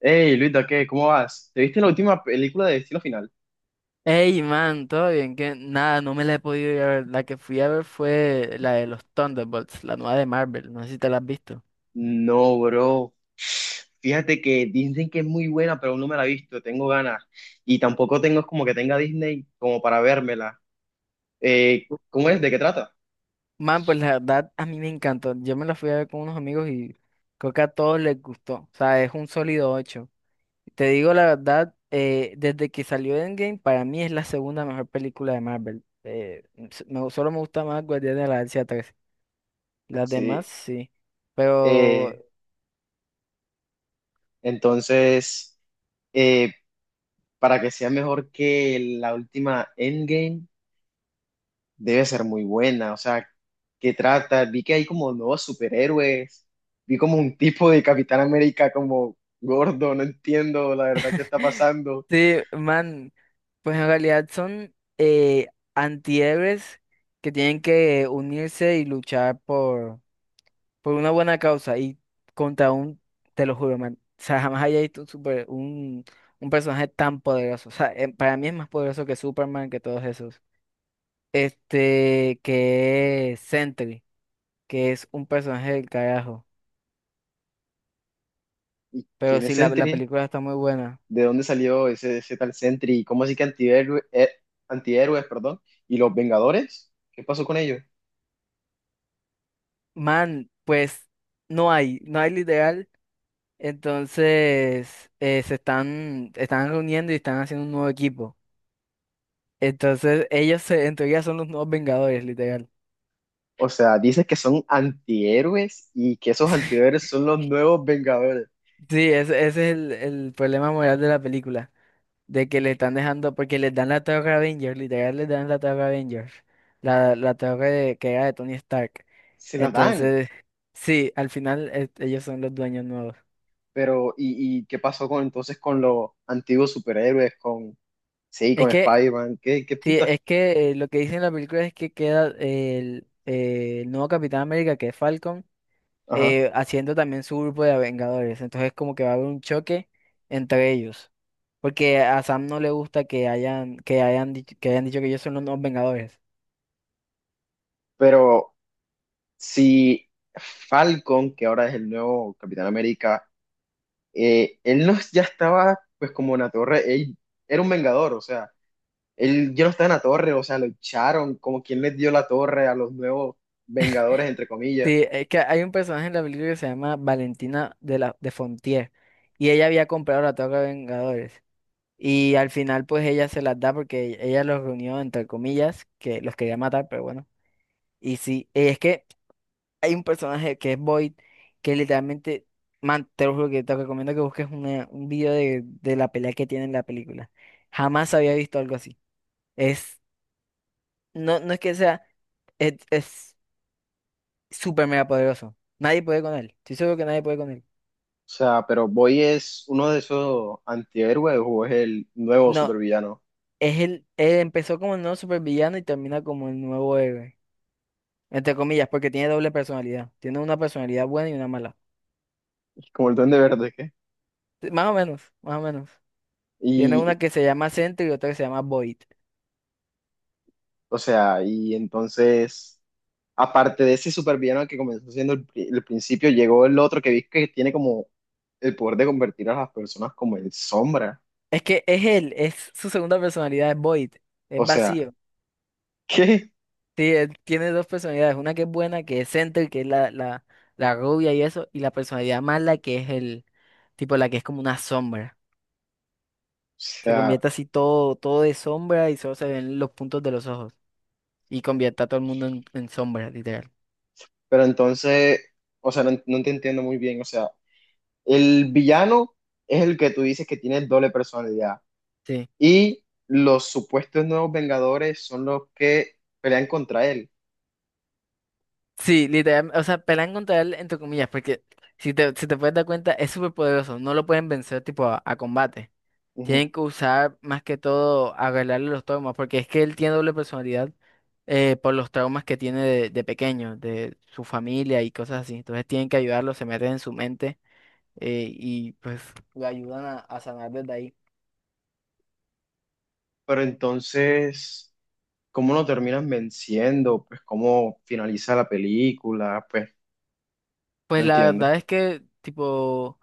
Hey, Luita, ¿qué? ¿Cómo vas? ¿Te viste la última película de Destino Final? Ey, man, todo bien, que nada, no me la he podido ir a ver. La que fui a ver fue la de los Thunderbolts, la nueva de Marvel. No sé si te la has visto. No, bro. Fíjate que dicen que es muy buena, pero aún no me la he visto. Tengo ganas. Y tampoco tengo como que tenga Disney como para vérmela. ¿Cómo es? ¿De qué trata? Man, pues la verdad, a mí me encantó. Yo me la fui a ver con unos amigos y creo que a todos les gustó. O sea, es un sólido 8. Te digo la verdad, desde que salió Endgame, para mí es la segunda mejor película de Marvel. Solo me gusta más Guardianes de la Galaxia 3. Las demás, Sí. sí. Pero, Eh, entonces, eh, para que sea mejor que la última Endgame, debe ser muy buena. O sea, ¿qué trata? Vi que hay como nuevos superhéroes. Vi como un tipo de Capitán América como gordo, no entiendo la verdad qué está pasando. sí, man. Pues en realidad son antihéroes que tienen que unirse y luchar por una buena causa y contra te lo juro, man, o sea, jamás había visto un personaje tan poderoso. O sea, para mí es más poderoso que Superman, que todos esos. Este, que es Sentry, que es un personaje del carajo. ¿Y Pero quién es sí, la Sentry? película está muy buena. ¿De dónde salió ese tal Sentry? ¿Y cómo así que antihéroes, perdón? ¿Y los Vengadores? ¿Qué pasó con ellos? Man, pues no hay literal. Entonces, están reuniendo y están haciendo un nuevo equipo. Entonces, en teoría son los nuevos Vengadores, literal. O sea, dices que son antihéroes y que esos antihéroes son los nuevos Vengadores. Sí, ese es el problema moral de la película. De que le están dejando, porque les dan la Torre Avengers, literal les dan la Torre Avengers. La torre que era de Tony Stark. Se la dan, Entonces, sí, al final ellos son los dueños nuevos. pero y qué pasó con entonces con los antiguos superhéroes, con... sí, Es con que, Spider-Man, qué, qué sí, puta. es que lo que dice en la película es que queda el nuevo Capitán América, que es Falcon. Ajá. Haciendo también su grupo de Vengadores. Entonces como que va a haber un choque entre ellos. Porque a Sam no le gusta que hayan dicho que ellos son los nuevos Vengadores. Pero si Falcon, que ahora es el nuevo Capitán América, él no ya estaba pues como en la torre, él era un vengador, o sea, él ya no estaba en la torre, o sea, lo echaron, como quien les dio la torre a los nuevos vengadores, entre comillas. Sí, es que hay un personaje en la película que se llama Valentina de la de Fontier. Y ella había comprado la toca de Vengadores. Y al final, pues ella se las da porque ella los reunió, entre comillas, que los quería matar, pero bueno. Y sí, es que hay un personaje que es Void, que literalmente, man, te lo juro que te recomiendo que busques un video de la pelea que tiene en la película. Jamás había visto algo así. Es, no, no es que sea, es súper mega poderoso. Nadie puede con él. Estoy seguro que nadie puede con él. O sea, pero Boy es uno de esos antihéroes o es el nuevo No, supervillano, es él empezó como el nuevo supervillano y termina como el nuevo héroe. Entre comillas, porque tiene doble personalidad. Tiene una personalidad buena y una mala. como el Duende Verde, ¿qué? Más o menos, más o menos. Tiene Y, una que se llama Sentry y otra que se llama Void. o sea, y entonces, aparte de ese supervillano que comenzó siendo el principio, llegó el otro que vi que tiene como el poder de convertir a las personas como en sombra. Es que es él, es su segunda personalidad, es Void, es O sea, vacío. ¿qué? O Sí, él tiene dos personalidades, una que es buena, que es Center, que es la rubia y eso, y la personalidad mala, que es el tipo, la que es como una sombra. Se sea, convierte así todo, todo de sombra y solo se ven los puntos de los ojos. Y convierte a todo el mundo en sombra, literal. pero entonces, o sea, no, no te entiendo muy bien. O sea, el villano es el que tú dices que tiene doble personalidad Sí. y los supuestos nuevos Vengadores son los que pelean contra él. Sí, literal, o sea, pelean contra él, entre comillas, porque si te puedes dar cuenta, es súper poderoso, no lo pueden vencer tipo a combate. Ujú. Tienen que usar más que todo arreglarle los traumas, porque es que él tiene doble personalidad por los traumas que tiene de pequeño, de su familia y cosas así. Entonces tienen que ayudarlo, se meten en su mente y pues lo ayudan a sanar desde ahí. Pero entonces... ¿Cómo lo terminan venciendo? Pues cómo finaliza la película, pues... no Pues la entiendo. verdad es que tipo,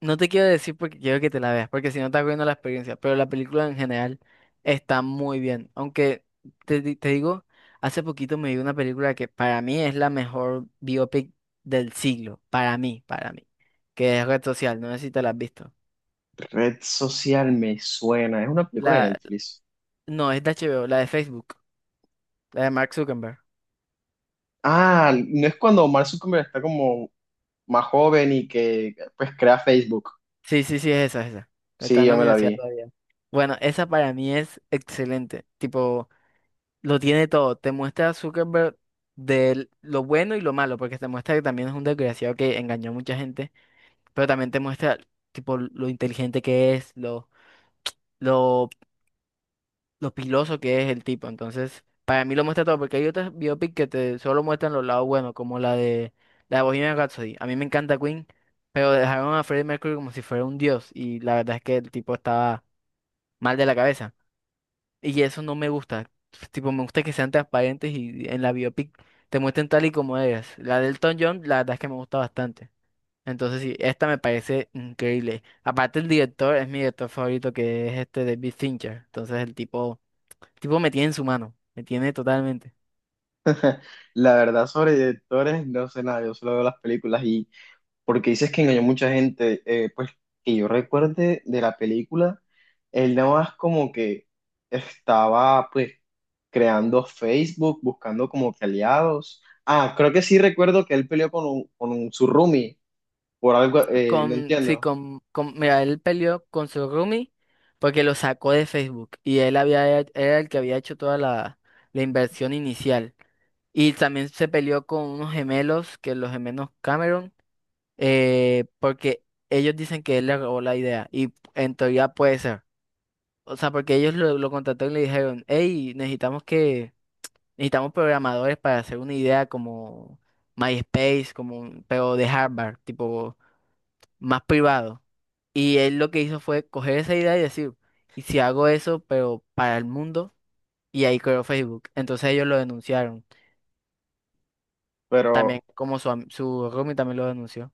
no te quiero decir porque quiero que te la veas, porque si no estás viendo la experiencia, pero la película en general está muy bien. Aunque te digo, hace poquito me vi una película que para mí es la mejor biopic del siglo, para mí, que es Red Social, no sé si te la has visto. Red social me suena. Es una película de La, Netflix. no, es de HBO, la de Facebook, la de Mark Zuckerberg. Ah, no, es cuando Mark Zuckerberg está como más joven y que pues crea Facebook. Sí, sí, sí, es esa, es esa. Está Sí, en la yo me la universidad vi. todavía. Bueno, esa para mí es excelente. Tipo, lo tiene todo. Te muestra a Zuckerberg de lo bueno y lo malo, porque te muestra que también es un desgraciado que engañó a mucha gente, pero también te muestra tipo lo inteligente que es, lo, lo piloso que es el tipo. Entonces, para mí lo muestra todo, porque hay otras biopic que te solo muestran los lados buenos, como la de Bohemian Rhapsody. A mí me encanta Queen, pero dejaron a Freddie Mercury como si fuera un dios, y la verdad es que el tipo estaba mal de la cabeza. Y eso no me gusta. Tipo, me gusta que sean transparentes y en la biopic te muestren tal y como eres. La de Elton John, la verdad es que me gusta bastante. Entonces, sí, esta me parece increíble. Aparte, el director es mi director favorito, que es este David Fincher. Entonces, el tipo me tiene en su mano. Me tiene totalmente. La verdad sobre directores no sé nada, yo solo veo las películas. Y porque dices que engañó mucha gente, pues que yo recuerde de la película, él nada más como que estaba pues creando Facebook, buscando como que aliados. Ah, creo que sí recuerdo que él peleó con, con un, su roomie por algo, Sí, no entiendo, mira, él peleó con su roomie porque lo sacó de Facebook. Y era el que había hecho toda la inversión inicial. Y también se peleó con unos gemelos, que los gemelos Cameron, porque ellos dicen que él le robó la idea. Y en teoría puede ser. O sea, porque ellos lo contrataron y le dijeron, hey, necesitamos necesitamos programadores para hacer una idea como MySpace, como pero de Harvard, tipo más privado. Y él lo que hizo fue coger esa idea y decir, ¿y si hago eso, pero para el mundo? Y ahí creó Facebook. Entonces ellos lo denunciaron. También pero como su roomie también lo denunció.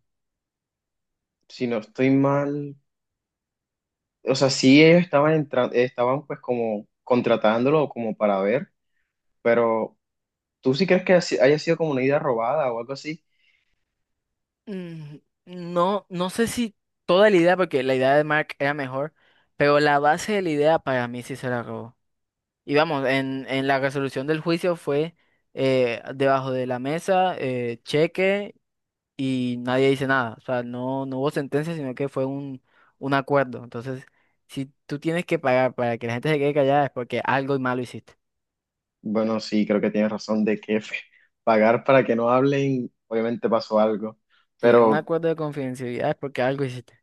si no estoy mal, o sea, sí, ellos estaban entrando, estaban pues como contratándolo como para ver, pero ¿tú sí crees que haya sido como una idea robada o algo así? Mm, No, no sé si toda la idea, porque la idea de Mark era mejor, pero la base de la idea para mí sí se la robó. Y vamos, en la resolución del juicio fue debajo de la mesa, cheque y nadie dice nada. O sea, no, no hubo sentencia, sino que fue un acuerdo. Entonces, si tú tienes que pagar para que la gente se quede callada es porque algo malo hiciste. Bueno, sí, creo que tienes razón de que pagar para que no hablen, obviamente pasó algo, Si un pero acuerdo de confidencialidad es porque algo hiciste.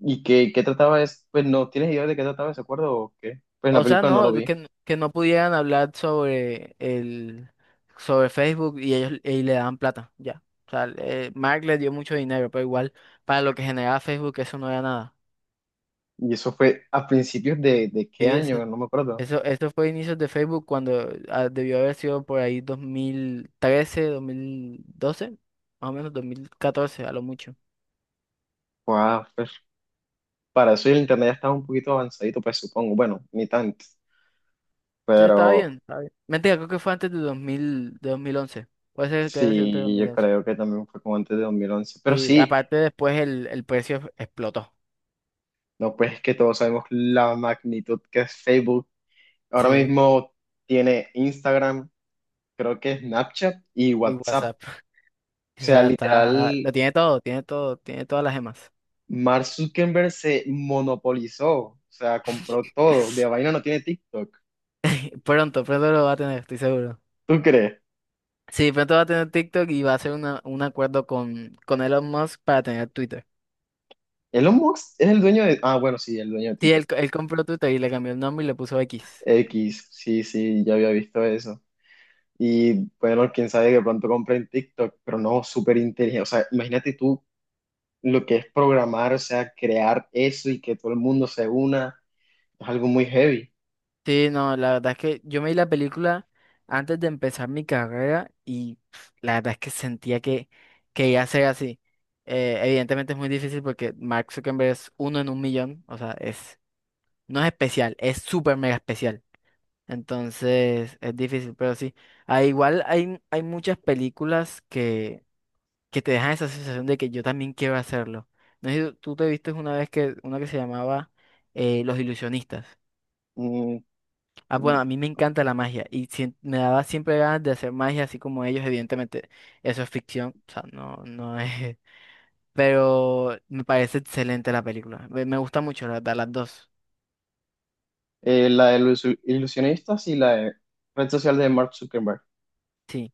¿y qué, qué trataba es? Pues no, ¿tienes idea de qué trataba ese acuerdo o qué? Pues en la O sea, película no lo no, de vi. que, que no pudieran hablar sobre sobre Facebook y ellos y le daban plata, ya. O sea, Mark le dio mucho dinero, pero igual para lo que generaba Facebook eso no era nada. Y eso fue a principios de qué Sí, eso, año, no me acuerdo. eso, eso fue inicios de Facebook cuando debió haber sido por ahí 2013, 2012, más o menos 2014 a lo mucho. Wow, para eso el internet ya estaba un poquito avanzadito, pues supongo. Bueno, ni tanto. Sí, estaba Pero bien, estaba bien. Mentira, creo que fue antes de 2000, de 2011, puede ser que haya sido antes de sí, yo 2011. creo que también fue como antes de 2011. Pero Sí, sí, aparte después el precio explotó. no, pues es que todos sabemos la magnitud que es Facebook. Ahora Sí. mismo tiene Instagram, creo que Snapchat y Y WhatsApp. O WhatsApp. sea, Esa está, lo literal, tiene todo, tiene todo, tiene todas las gemas. Mark Zuckerberg se monopolizó. O sea, compró todo. De vaina no tiene TikTok. Pronto, pronto lo va a tener, estoy seguro. ¿Tú crees? Sí, pronto va a tener TikTok y va a hacer un acuerdo con Elon Musk para tener Twitter. Elon Musk es el dueño de... Ah, bueno, sí, el dueño de Sí, Twitter. él compró Twitter y le cambió el nombre y le puso X. X, sí, sí, ya había visto eso. Y bueno, quién sabe, que pronto compre en TikTok, pero no, súper inteligente. O sea, imagínate tú lo que es programar, o sea, crear eso y que todo el mundo se una, es algo muy heavy. Sí, no, la verdad es que yo me vi la película antes de empezar mi carrera y pf, la verdad es que sentía que iba a ser así. Evidentemente es muy difícil porque Mark Zuckerberg es uno en un millón, o sea, no es especial, es súper mega especial. Entonces es difícil, pero sí. Ah, igual hay muchas películas que te dejan esa sensación de que yo también quiero hacerlo. No sé si tú te viste una vez que una que se llamaba Los Ilusionistas. Mm, Ah, bueno, a mí me encanta la magia y me daba siempre ganas de hacer magia así como ellos, evidentemente. Eso es ficción, o sea, no, no es. Pero me parece excelente la película. Me gusta mucho, la verdad, las dos. La de los ilusionistas y la de red social de Mark Zuckerberg. Sí.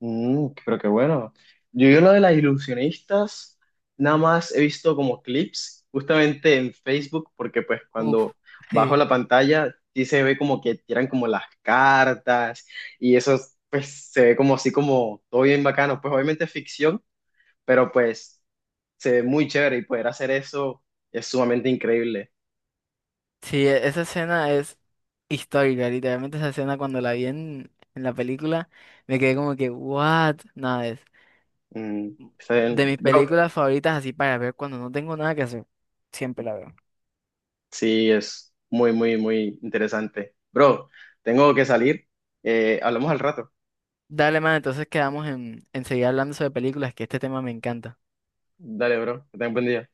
Mm, pero qué bueno. Yo lo de las ilusionistas, nada más he visto como clips justamente en Facebook, porque pues cuando Uf. bajo Sí. la pantalla sí se ve como que tiran como las cartas y eso, pues se ve como así como todo bien bacano. Pues obviamente es ficción, pero pues se ve muy chévere y poder hacer eso es sumamente increíble. Sí, esa escena es histórica, literalmente esa escena cuando la vi en la película, me quedé como que, what, nada, es Mm, está bien. de mis Bro, películas favoritas así para ver cuando no tengo nada que hacer, siempre la veo. sí, es muy, muy, muy interesante. Bro, tengo que salir. Hablamos al rato. Dale, man, entonces quedamos en seguir hablando sobre películas, que este tema me encanta. Dale, bro, que tengas buen día.